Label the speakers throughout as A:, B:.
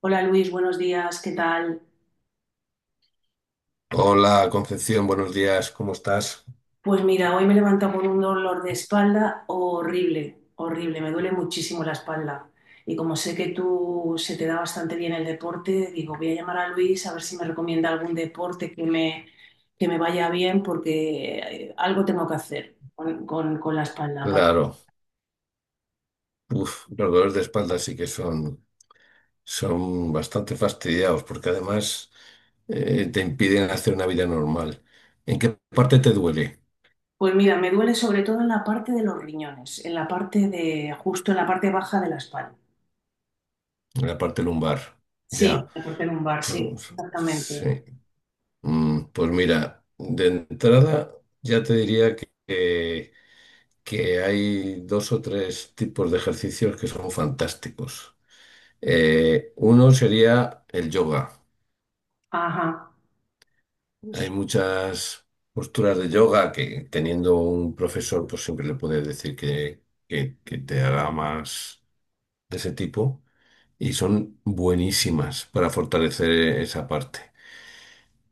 A: Hola Luis, buenos días, ¿qué tal?
B: Hola Concepción, buenos días, ¿cómo estás?
A: Pues mira, hoy me he levantado con un dolor de espalda horrible, horrible, me duele muchísimo la espalda. Y como sé que tú se te da bastante bien el deporte, digo, voy a llamar a Luis a ver si me recomienda algún deporte que me vaya bien porque algo tengo que hacer con la espalda.
B: Claro, uf, los dolores de espalda sí que son bastante fastidiados porque además te impiden hacer una vida normal. ¿En qué parte te duele?
A: Pues mira, me duele sobre todo en la parte de los riñones, en la parte de, justo en la parte baja de la espalda.
B: En la parte lumbar.
A: Sí,
B: Ya,
A: la parte lumbar, sí,
B: pues,
A: exactamente.
B: sí. Pues mira, de entrada ya te diría que, que hay dos o tres tipos de ejercicios que son fantásticos. Uno sería el yoga.
A: Ajá.
B: Hay
A: Sí.
B: muchas posturas de yoga que teniendo un profesor, pues siempre le puedes decir que, que te haga más de ese tipo. Y son buenísimas para fortalecer esa parte.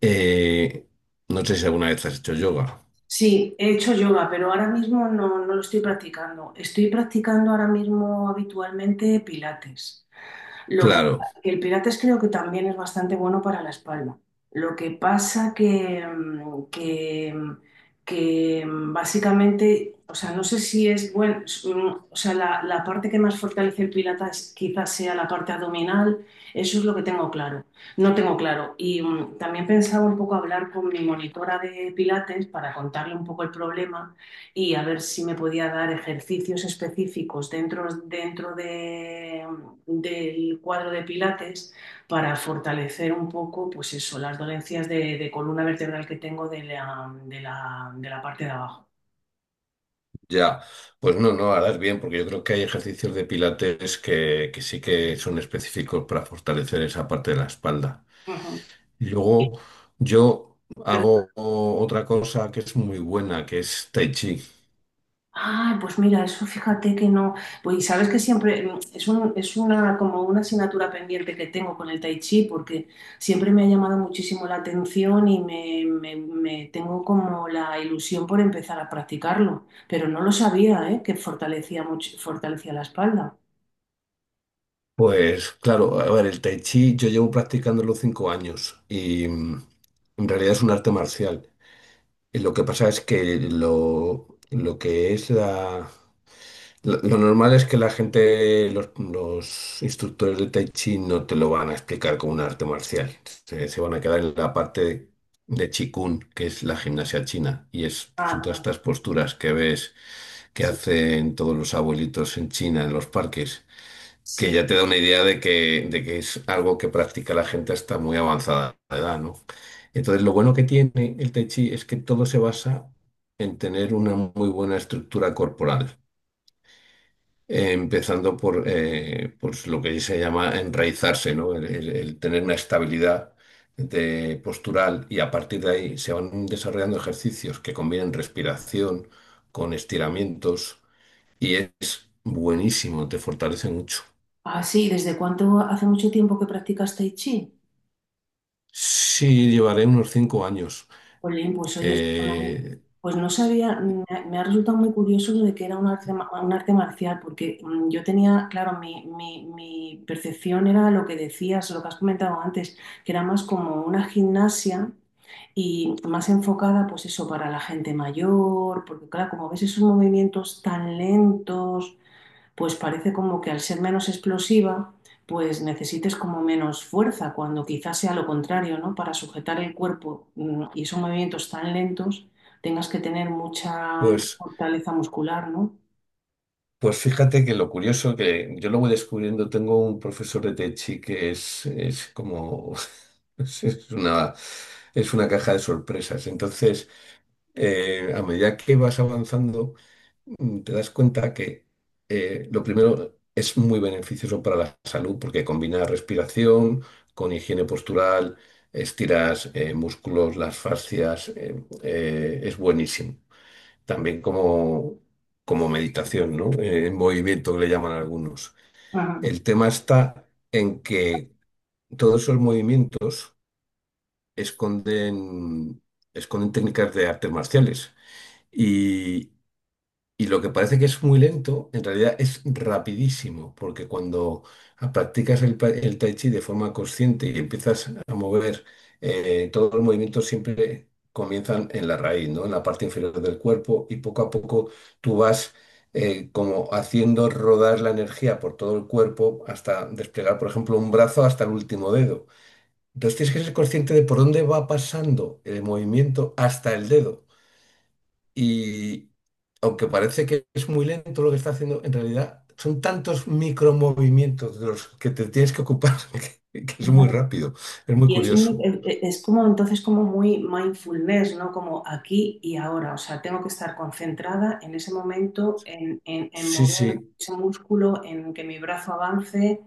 B: Eh, no sé si alguna vez has hecho yoga.
A: Sí, he hecho yoga, pero ahora mismo no, no lo estoy practicando. Estoy practicando ahora mismo habitualmente pilates. Lo que,
B: Claro,
A: que el Pilates creo que también es bastante bueno para la espalda. Lo que pasa que, básicamente, o sea, no sé si es bueno, o sea, la parte que más fortalece el Pilates quizás sea la parte abdominal, eso es lo que tengo claro. No tengo claro. Y también pensaba un poco hablar con mi monitora de Pilates para contarle un poco el problema y a ver si me podía dar ejercicios específicos dentro de, del cuadro de Pilates para fortalecer un poco, pues eso, las dolencias de columna vertebral que tengo de la parte de abajo.
B: ya. Pues no, no, harás bien, porque yo creo que hay ejercicios de pilates que sí que son específicos para fortalecer esa parte de la espalda.
A: Ujú.
B: Y luego yo
A: Pero
B: hago otra cosa que es muy buena, que es Tai Chi.
A: ay, pues mira, eso fíjate que no. Pues y sabes que siempre es una como una asignatura pendiente que tengo con el Tai Chi, porque siempre me ha llamado muchísimo la atención y me tengo como la ilusión por empezar a practicarlo. Pero no lo sabía, ¿eh? Que fortalecía mucho, fortalecía la espalda.
B: Pues claro, a ver, el Tai Chi yo llevo practicándolo 5 años y en realidad es un arte marcial. Y lo que pasa es que lo normal es que la gente, los instructores de Tai Chi no te lo van a explicar como un arte marcial. Se van a quedar en la parte de Chi Kung, que es la gimnasia china. Y son todas
A: Ah,
B: estas posturas que ves que
A: sí,
B: hacen todos los abuelitos en China, en los parques, que
A: sí.
B: ya te da una idea de que es algo que practica la gente hasta muy avanzada edad, ¿no? Entonces, lo bueno que tiene el Tai Chi es que todo se basa en tener una muy buena estructura corporal, empezando por pues lo que se llama enraizarse, ¿no? El tener una estabilidad de postural y a partir de ahí se van desarrollando ejercicios que combinan respiración con estiramientos y es buenísimo, te fortalece mucho.
A: Ah, sí, ¿desde cuánto hace mucho tiempo que practicas Tai Chi?
B: Sí, llevaré unos 5 años.
A: Jolín, pues oye,
B: Eh,
A: pues no sabía, me ha resultado muy curioso lo de que era un arte marcial, porque yo tenía, claro, mi percepción era lo que decías, lo que has comentado antes, que era más como una gimnasia y más enfocada, pues eso, para la gente mayor, porque claro, como ves esos movimientos tan lentos, pues parece como que al ser menos explosiva, pues necesites como menos fuerza, cuando quizás sea lo contrario, ¿no? Para sujetar el cuerpo y son movimientos tan lentos, tengas que tener mucha
B: pues
A: fortaleza muscular, ¿no?
B: Pues fíjate que lo curioso que yo lo voy descubriendo, tengo un profesor de Tai Chi que es como, es es una, es una caja de sorpresas. Entonces, a medida que vas avanzando, te das cuenta que lo primero es muy beneficioso para la salud porque combina respiración con higiene postural, estiras músculos, las fascias, es buenísimo también como, como meditación, ¿no? En movimiento que le llaman algunos.
A: Ajá.
B: El tema está en que todos esos movimientos esconden, esconden técnicas de artes marciales. Y lo que parece que es muy lento, en realidad es rapidísimo, porque cuando practicas el tai chi de forma consciente y empiezas a mover, todos los movimientos siempre comienzan en la raíz, ¿no? En la parte inferior del cuerpo y poco a poco tú vas, como haciendo rodar la energía por todo el cuerpo hasta desplegar, por ejemplo, un brazo hasta el último dedo. Entonces tienes que ser consciente de por dónde va pasando el movimiento hasta el dedo. Y aunque parece que es muy lento lo que está haciendo, en realidad son tantos micromovimientos de los que te tienes que ocupar que es muy
A: Claro.
B: rápido, es muy
A: Y es,
B: curioso.
A: es como entonces como muy mindfulness, ¿no? Como aquí y ahora. O sea, tengo que estar concentrada en ese momento, en
B: Sí,
A: mover
B: sí.
A: ese músculo, en que mi brazo avance.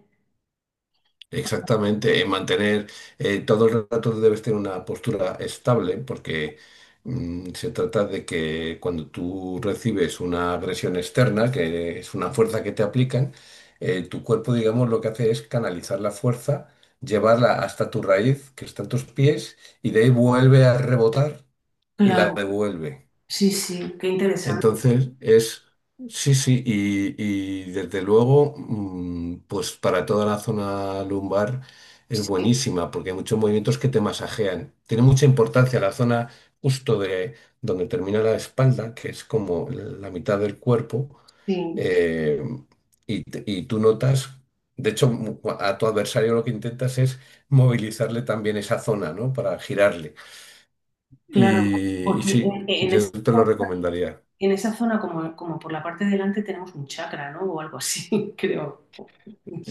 B: Exactamente, mantener, todo el rato debes tener una postura estable porque, se trata de que cuando tú recibes una agresión externa, que es una fuerza que te aplican, tu cuerpo, digamos, lo que hace es canalizar la fuerza, llevarla hasta tu raíz, que está en tus pies, y de ahí vuelve a rebotar y la
A: Claro,
B: devuelve.
A: sí, sí, qué interesante.
B: Entonces es, sí, sí, y desde luego, pues para toda la zona lumbar es
A: Sí,
B: buenísima, porque hay muchos movimientos que te masajean. Tiene mucha importancia la zona justo de donde termina la espalda, que es como la mitad del cuerpo,
A: sí.
B: eh, y, y tú notas, de hecho, a tu adversario lo que intentas es movilizarle también esa zona, ¿no? Para girarle.
A: Claro,
B: Y
A: porque
B: sí, yo te lo recomendaría.
A: en esa zona, como por la parte de delante, tenemos un chakra, ¿no? O algo así, creo.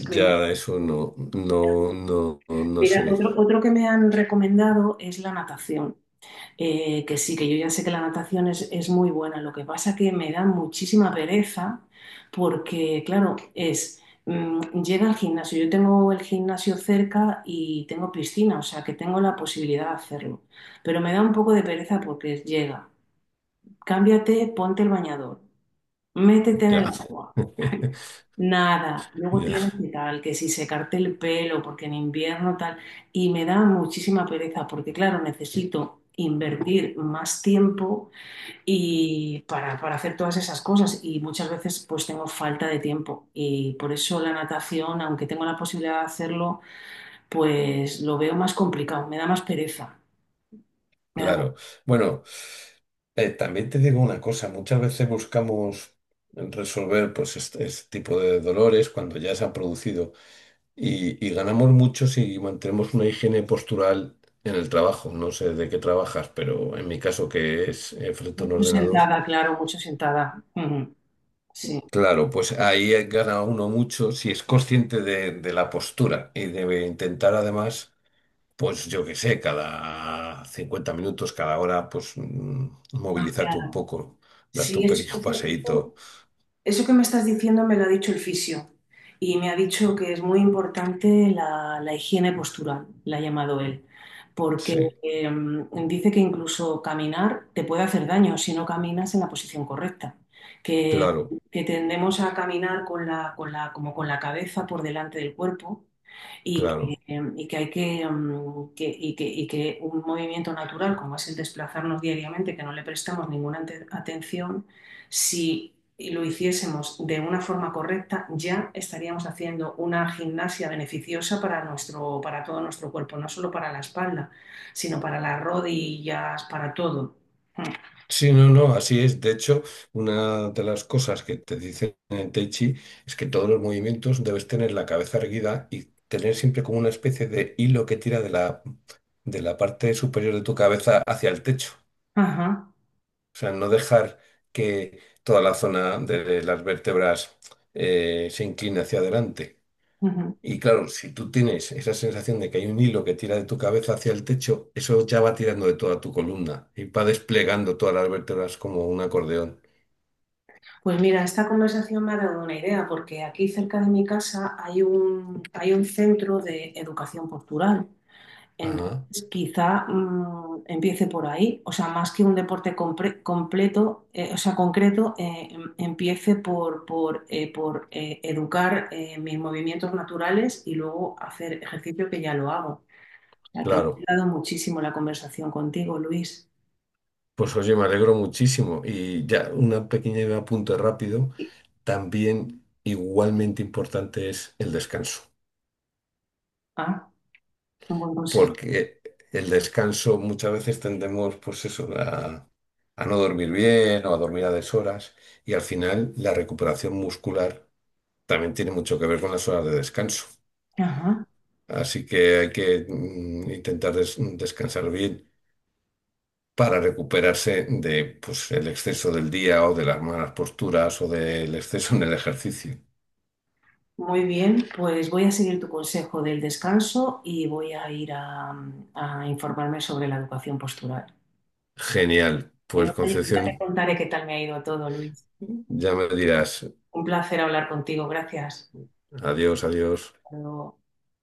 A: Creo.
B: Ya, eso no, no, no, no
A: Mira,
B: sé.
A: otro, otro que me han recomendado es la natación. Que sí, que yo ya sé que la natación es muy buena. Lo que pasa que me da muchísima pereza porque, claro, llega al gimnasio. Yo tengo el gimnasio cerca y tengo piscina, o sea que tengo la posibilidad de hacerlo. Pero me da un poco de pereza porque llega. Cámbiate, ponte el bañador, métete en el
B: Ya,
A: agua, nada, luego
B: ya,
A: tienes que tal, que si secarte el pelo, porque en invierno tal, y me da muchísima pereza, porque claro, necesito invertir más tiempo y para hacer todas esas cosas y muchas veces pues tengo falta de tiempo y por eso la natación, aunque tengo la posibilidad de hacerlo, pues lo veo más complicado, me da más pereza, me da más
B: claro.
A: pereza.
B: Bueno, también te digo una cosa, muchas veces buscamos resolver pues este tipo de dolores cuando ya se han producido y ganamos mucho si mantenemos una higiene postural en el trabajo. No sé de qué trabajas, pero en mi caso que es, frente a un
A: Mucho
B: ordenador.
A: sentada, claro, mucho sentada. Ujú, sí.
B: Claro, pues ahí gana uno mucho si es consciente de la postura y debe intentar además pues yo qué sé, cada 50 minutos, cada hora, pues, movilizarte un poco, darte
A: Sí,
B: un pequeño paseíto.
A: eso que me estás diciendo me lo ha dicho el fisio y me ha dicho que es muy importante la higiene postural, la ha llamado él, porque
B: Sí,
A: dice que incluso caminar te puede hacer daño si no caminas en la posición correcta, que,
B: claro,
A: que tendemos a caminar como con la cabeza por delante del cuerpo
B: claro.
A: y que hay que, y que un movimiento natural como es el desplazarnos diariamente, que no le prestamos atención, si lo hiciésemos de una forma correcta, ya estaríamos haciendo una gimnasia beneficiosa para nuestro, para todo nuestro cuerpo, no solo para la espalda, sino para las rodillas, para todo.
B: Sí, no, no, así es. De hecho, una de las cosas que te dicen en Tai Chi es que todos los movimientos debes tener la cabeza erguida y tener siempre como una especie de hilo que tira de la parte superior de tu cabeza hacia el techo.
A: Ajá.
B: O sea, no dejar que toda la zona de las vértebras, se incline hacia adelante.
A: Ujú.
B: Y claro, si tú tienes esa sensación de que hay un hilo que tira de tu cabeza hacia el techo, eso ya va tirando de toda tu columna y va desplegando todas las vértebras como un acordeón.
A: Pues mira, esta conversación me ha dado una idea, porque aquí cerca de mi casa hay hay un centro de educación postural.
B: Ajá,
A: Entonces, quizá empiece por ahí, o sea, más que un completo, o sea, concreto, empiece por educar mis movimientos naturales y luego hacer ejercicio que ya lo hago. O sea, que me
B: claro.
A: ha dado muchísimo la conversación contigo, Luis.
B: Pues oye, me alegro muchísimo. Y ya una pequeña apunte rápido. También igualmente importante es el descanso,
A: Ah, un buen consejo.
B: porque el descanso muchas veces tendemos, pues eso, a no dormir bien o a dormir a deshoras y al final la recuperación muscular también tiene mucho que ver con las horas de descanso.
A: Ajá.
B: Así que hay que, intentar descansar bien para recuperarse de, pues, el exceso del día o de las malas posturas o del exceso en el ejercicio.
A: Muy bien, pues voy a seguir tu consejo del descanso y voy a ir a informarme sobre la educación postural.
B: Genial. Pues
A: Ya te
B: Concepción,
A: contaré qué tal me ha ido todo, Luis.
B: ya me dirás.
A: Un placer hablar contigo, gracias.
B: Adiós, adiós.
A: Hasta luego.